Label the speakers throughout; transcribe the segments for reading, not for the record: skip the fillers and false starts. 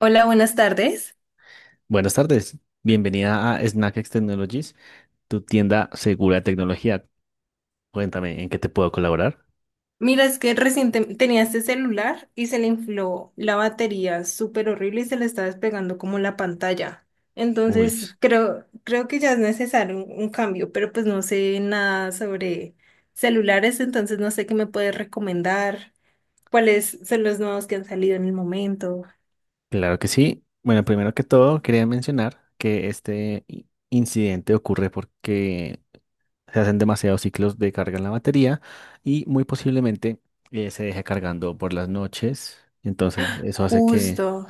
Speaker 1: Hola, buenas tardes.
Speaker 2: Buenas tardes, bienvenida a SnackX Technologies, tu tienda segura de tecnología. Cuéntame, ¿en qué te puedo colaborar?
Speaker 1: Mira, es que recién tenía este celular y se le infló la batería súper horrible y se le está despegando como la pantalla.
Speaker 2: Uy,
Speaker 1: Entonces, creo que ya es necesario un cambio, pero pues no sé nada sobre celulares, entonces no sé qué me puedes recomendar, cuáles son los nuevos que han salido en el momento,
Speaker 2: claro que sí. Bueno, primero que todo, quería mencionar que este incidente ocurre porque se hacen demasiados ciclos de carga en la batería y muy posiblemente se deje cargando por las noches. Entonces, eso hace que,
Speaker 1: justo.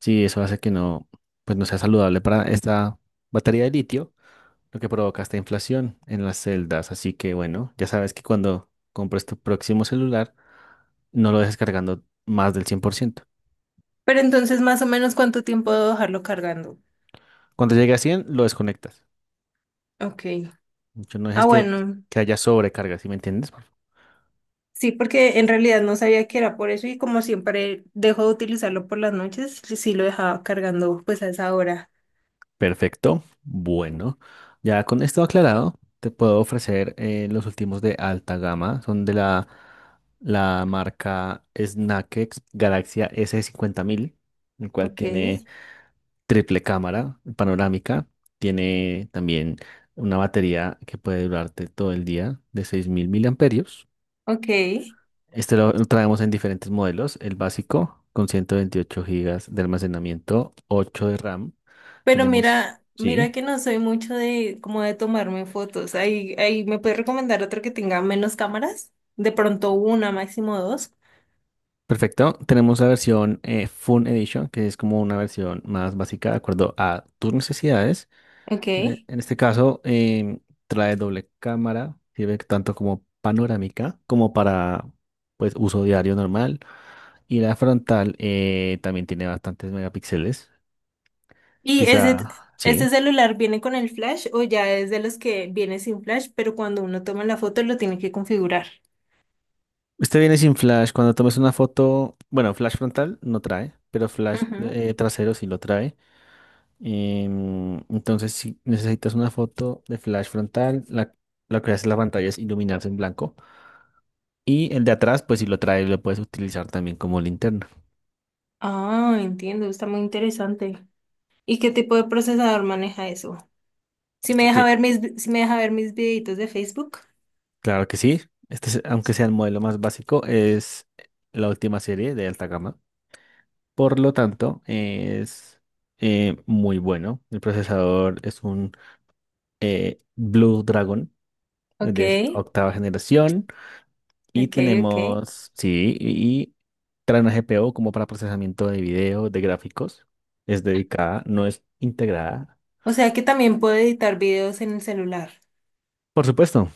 Speaker 2: sí, eso hace que no, pues no sea saludable para esta batería de litio. Lo que provoca esta inflación en las celdas. Así que bueno, ya sabes que cuando compres tu próximo celular, no lo dejes cargando más del 100%.
Speaker 1: Pero entonces, más o menos, ¿cuánto tiempo debo dejarlo cargando?
Speaker 2: Cuando llegue a 100 lo desconectas.
Speaker 1: Ok.
Speaker 2: Mucho no
Speaker 1: Ah,
Speaker 2: dejes que,
Speaker 1: bueno.
Speaker 2: que haya sobrecarga, ¿sí me entiendes?
Speaker 1: Sí, porque en realidad no sabía que era por eso y como siempre dejo de utilizarlo por las noches, sí lo dejaba cargando pues a esa hora.
Speaker 2: Perfecto. Bueno, ya con esto aclarado, te puedo ofrecer los últimos de alta gama. Son de la marca Snakex Galaxia s cincuenta mil, el cual
Speaker 1: Ok,
Speaker 2: tiene triple cámara panorámica. Tiene también una batería que puede durarte todo el día de 6000 miliamperios.
Speaker 1: ok.
Speaker 2: Este lo traemos en diferentes modelos. El básico con 128 gigas de almacenamiento, 8 de RAM.
Speaker 1: Pero
Speaker 2: Tenemos,
Speaker 1: mira
Speaker 2: sí,
Speaker 1: que no soy mucho de como de tomarme fotos. Ahí me puedes recomendar otro que tenga menos cámaras, de pronto una, máximo dos.
Speaker 2: perfecto. Tenemos la versión Fun Edition, que es como una versión más básica de acuerdo a tus necesidades.
Speaker 1: Ok.
Speaker 2: En este caso, trae doble cámara, sirve tanto como panorámica como para pues, uso diario normal. Y la frontal también tiene bastantes megapíxeles.
Speaker 1: ¿Y
Speaker 2: Quizá,
Speaker 1: ese, ¿ese
Speaker 2: sí.
Speaker 1: celular viene con el flash o ya es de los que viene sin flash, pero cuando uno toma la foto lo tiene que configurar?
Speaker 2: Usted viene sin flash. Cuando tomes una foto, bueno, flash frontal no trae, pero flash
Speaker 1: Ujú.
Speaker 2: trasero sí lo trae. Entonces, si necesitas una foto de flash frontal, lo que hace la pantalla es iluminarse en blanco. Y el de atrás, pues si lo trae, lo puedes utilizar también como linterna.
Speaker 1: Ah, entiendo, está muy interesante. ¿Y qué tipo de procesador maneja eso? Si me
Speaker 2: Este
Speaker 1: deja
Speaker 2: tie-
Speaker 1: ver si me deja ver mis videitos de Facebook.
Speaker 2: claro que sí. Este, aunque sea el modelo más básico, es la última serie de alta gama. Por lo tanto, es muy bueno. El procesador es un Blue Dragon
Speaker 1: Ok,
Speaker 2: de octava generación. Y
Speaker 1: ok, ok.
Speaker 2: tenemos, sí, y trae una GPU como para procesamiento de video, de gráficos. Es dedicada, no es integrada.
Speaker 1: O sea que también puedo editar videos en el celular.
Speaker 2: Por supuesto,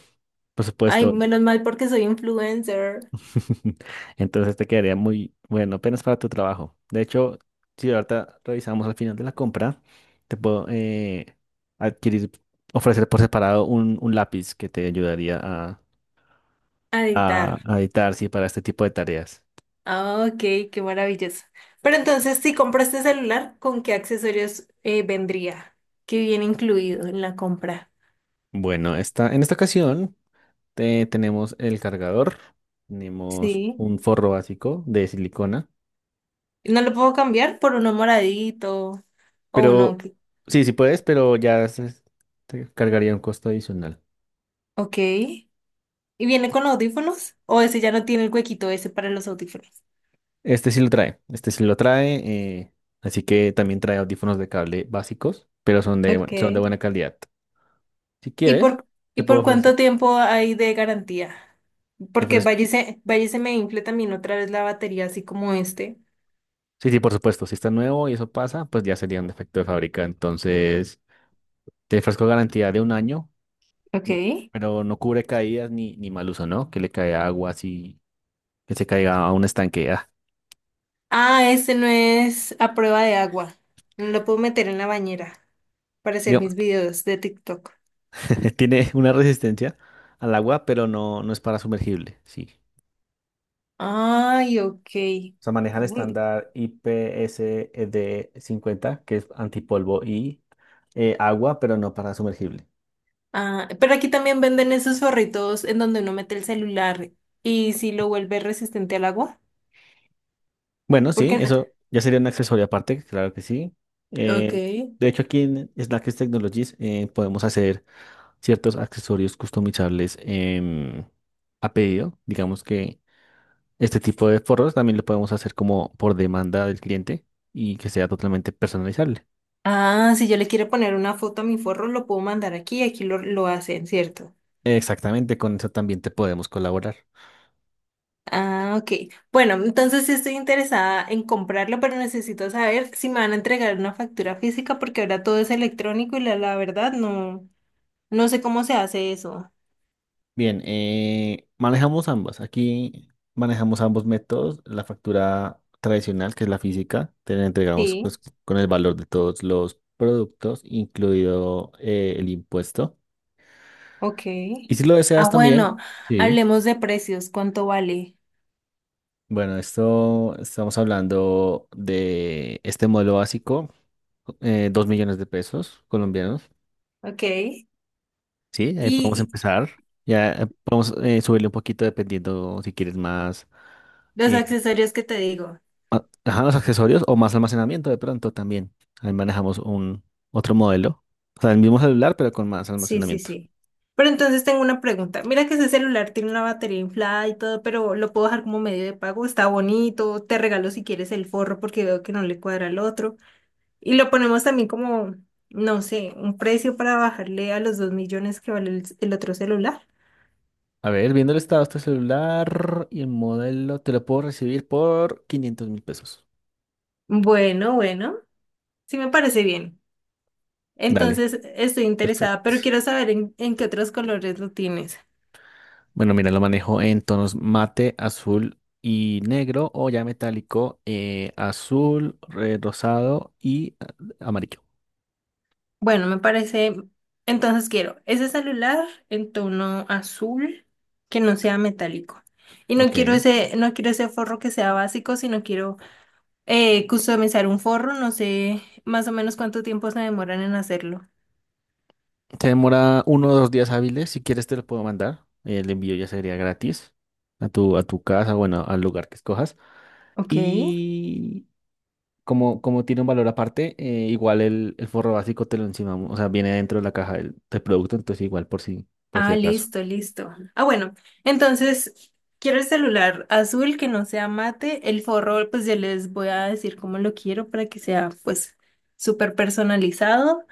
Speaker 2: por
Speaker 1: Ay,
Speaker 2: supuesto.
Speaker 1: menos mal porque soy influencer.
Speaker 2: Entonces te quedaría muy bueno, apenas para tu trabajo. De hecho, si ahorita revisamos al final de la compra, te puedo adquirir, ofrecer por separado un lápiz que te ayudaría a,
Speaker 1: A editar.
Speaker 2: a, a editar, sí, para este tipo de tareas.
Speaker 1: Ah, ok, qué maravilloso. Pero entonces, si compro este celular, ¿con qué accesorios vendría? ¿Qué viene incluido en la compra?
Speaker 2: Bueno, esta, en esta ocasión tenemos el cargador, tenemos
Speaker 1: Sí.
Speaker 2: un forro básico de silicona,
Speaker 1: ¿No lo puedo cambiar por uno moradito o uno?
Speaker 2: pero
Speaker 1: Que-
Speaker 2: sí, sí puedes, pero ya te cargaría un costo adicional.
Speaker 1: Ok. ¿Y viene con audífonos? ¿O ese ya no tiene el huequito ese para los audífonos?
Speaker 2: Este sí lo trae, este sí lo trae, así que también trae audífonos de cable básicos, pero son de
Speaker 1: Okay.
Speaker 2: buena calidad. Si
Speaker 1: ¿Y
Speaker 2: quieres,
Speaker 1: por,
Speaker 2: te
Speaker 1: ¿y
Speaker 2: puedo
Speaker 1: por cuánto
Speaker 2: ofrecer,
Speaker 1: tiempo hay de garantía?
Speaker 2: te
Speaker 1: Porque
Speaker 2: ofrezco.
Speaker 1: vaya y se me infle también otra vez la batería, así como este.
Speaker 2: Sí, sí, por supuesto, si está nuevo y eso pasa, pues ya sería un defecto de fábrica. Entonces, te ofrezco garantía de un año,
Speaker 1: Ok.
Speaker 2: no- pero no cubre caídas ni mal uso, ¿no? Que le caiga agua así, que se caiga a un estanque. Ah,
Speaker 1: Ah, este no es a prueba de agua. No lo puedo meter en la bañera para hacer
Speaker 2: digo,
Speaker 1: mis videos de TikTok.
Speaker 2: tiene una resistencia al agua, pero no, no es para sumergible, sí.
Speaker 1: Ay, ok.
Speaker 2: O sea, maneja el
Speaker 1: Mm,
Speaker 2: estándar IPSD 50, que es antipolvo y agua, pero no para sumergible.
Speaker 1: ah, pero aquí también venden esos forritos en donde uno mete el celular y si lo vuelve resistente al agua.
Speaker 2: Bueno,
Speaker 1: ¿Por
Speaker 2: sí,
Speaker 1: qué?
Speaker 2: eso ya sería un accesorio aparte, claro que sí.
Speaker 1: Ok.
Speaker 2: Eh, de hecho, aquí en Snackers Technologies podemos hacer ciertos accesorios customizables a pedido. Digamos que este tipo de forros también lo podemos hacer como por demanda del cliente y que sea totalmente personalizable.
Speaker 1: Ah, si yo le quiero poner una foto a mi forro, lo puedo mandar aquí y aquí lo hacen, ¿cierto?
Speaker 2: Exactamente, con eso también te podemos colaborar.
Speaker 1: Ah, ok. Bueno, entonces sí estoy interesada en comprarlo, pero necesito saber si me van a entregar una factura física porque ahora todo es electrónico y la verdad no sé cómo se hace eso.
Speaker 2: Bien, manejamos ambas. Aquí manejamos ambos métodos. La factura tradicional, que es la física, te la entregamos
Speaker 1: Sí,
Speaker 2: pues, con el valor de todos los productos, incluido el impuesto.
Speaker 1: ok.
Speaker 2: Y si lo deseas
Speaker 1: Ah, bueno,
Speaker 2: también, sí.
Speaker 1: hablemos de precios, ¿cuánto vale?
Speaker 2: Bueno, esto estamos hablando de este modelo básico, 2 millones de pesos colombianos.
Speaker 1: Ok.
Speaker 2: Sí, ahí podemos
Speaker 1: Y
Speaker 2: empezar. Ya podemos subirle un poquito dependiendo si quieres más.
Speaker 1: los
Speaker 2: eh,
Speaker 1: accesorios que te digo.
Speaker 2: Ah, ajá, los accesorios o más almacenamiento de pronto también. Ahí manejamos un otro modelo. O sea, el mismo celular, pero con más
Speaker 1: Sí, sí,
Speaker 2: almacenamiento.
Speaker 1: sí. Pero entonces tengo una pregunta. Mira que ese celular tiene una batería inflada y todo, pero lo puedo dejar como medio de pago. Está bonito. Te regalo si quieres el forro porque veo que no le cuadra al otro. Y lo ponemos también como, no sé, un precio para bajarle a los 2 millones que vale el otro celular.
Speaker 2: A ver, viendo el estado de este celular y el modelo, te lo puedo recibir por 500.000 pesos.
Speaker 1: Bueno, bueno. Sí me parece bien.
Speaker 2: Dale,
Speaker 1: Entonces estoy interesada,
Speaker 2: perfecto.
Speaker 1: pero quiero saber en qué otros colores lo tienes.
Speaker 2: Bueno, mira, lo manejo en tonos mate, azul y negro o ya metálico, azul, rosado y amarillo.
Speaker 1: Bueno, me parece. Entonces quiero ese celular en tono azul que no sea metálico. Y
Speaker 2: Ok.
Speaker 1: no quiero ese forro que sea básico, sino quiero customizar un forro. No sé más o menos cuánto tiempo se demoran en hacerlo.
Speaker 2: Se demora uno o dos días hábiles. Si quieres, te lo puedo mandar. El envío ya sería gratis a tu casa, bueno, al lugar que escojas.
Speaker 1: Ok.
Speaker 2: Y como tiene un valor aparte, igual el forro básico te lo encimamos. O sea, viene dentro de la caja del producto, entonces igual por si
Speaker 1: Ah,
Speaker 2: acaso.
Speaker 1: listo, listo. Ah, bueno. Entonces quiero el celular azul que no sea mate. El forro, pues ya les voy a decir cómo lo quiero para que sea, pues, súper personalizado.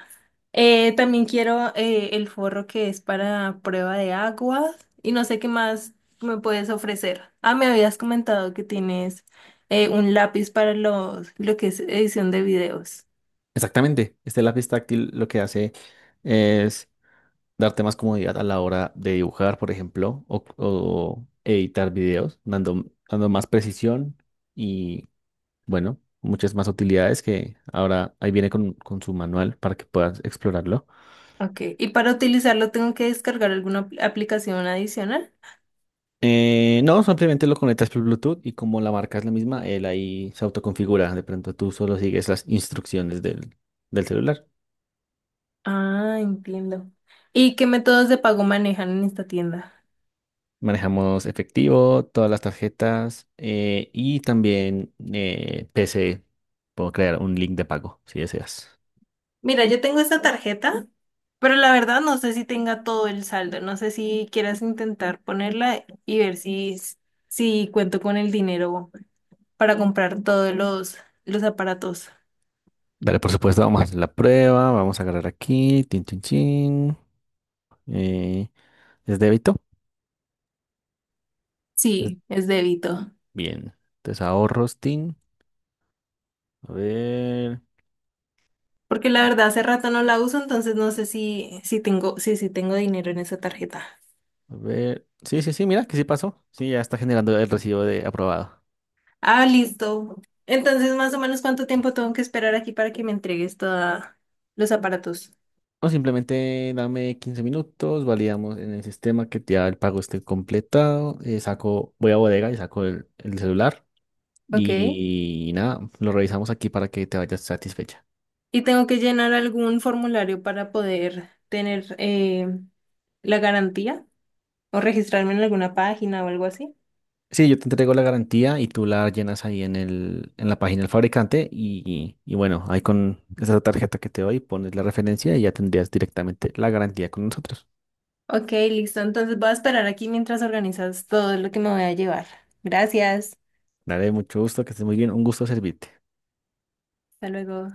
Speaker 1: También quiero el forro que es para prueba de agua y no sé qué más me puedes ofrecer. Ah, me habías comentado que tienes un lápiz para los, lo que es edición de videos.
Speaker 2: Exactamente. Este lápiz táctil lo que hace es darte más comodidad a la hora de dibujar, por ejemplo, o editar videos, dando, dando más precisión. Bueno, muchas más utilidades que ahora ahí viene con su manual para que puedas explorarlo.
Speaker 1: Ok, y para utilizarlo tengo que descargar alguna aplicación adicional.
Speaker 2: No, simplemente lo conectas por Bluetooth y como la marca es la misma, él ahí se autoconfigura. De pronto tú solo sigues las instrucciones del celular.
Speaker 1: Ah, entiendo. ¿Y qué métodos de pago manejan en esta tienda?
Speaker 2: Manejamos efectivo, todas las tarjetas y también PC. Puedo crear un link de pago si deseas.
Speaker 1: Mira, yo tengo esta tarjeta, pero la verdad no sé si tenga todo el saldo. No sé si quieras intentar ponerla y ver si cuento con el dinero para comprar todos los aparatos.
Speaker 2: Dale, por supuesto, vamos a hacer la prueba. Vamos a agarrar aquí. Tin, tin, chin. Eh, ¿Es débito?
Speaker 1: Sí, es débito.
Speaker 2: Bien. Entonces ahorros, tin. A ver,
Speaker 1: Porque la verdad hace rato no la uso, entonces no sé si tengo, si tengo dinero en esa tarjeta.
Speaker 2: a ver. Sí, sí, sí, mira que sí pasó. Sí, ya está generando el recibo de aprobado.
Speaker 1: Ah, listo. Entonces, más o menos, ¿cuánto tiempo tengo que esperar aquí para que me entregues todos los aparatos?
Speaker 2: O simplemente dame 15 minutos, validamos en el sistema que ya el pago esté completado. Saco, voy a bodega y saco el celular.
Speaker 1: Ok.
Speaker 2: Y nada, lo revisamos aquí para que te vayas satisfecha.
Speaker 1: Y tengo que llenar algún formulario para poder tener la garantía o registrarme en alguna página o algo así.
Speaker 2: Sí, yo te entrego la garantía y tú la llenas ahí en el, en la página del fabricante y bueno, ahí con esa tarjeta que te doy pones la referencia y ya tendrías directamente la garantía con nosotros.
Speaker 1: Ok, listo. Entonces voy a esperar aquí mientras organizas todo lo que me voy a llevar. Gracias.
Speaker 2: Dale, mucho gusto, que estés muy bien, un gusto servirte.
Speaker 1: Hasta luego.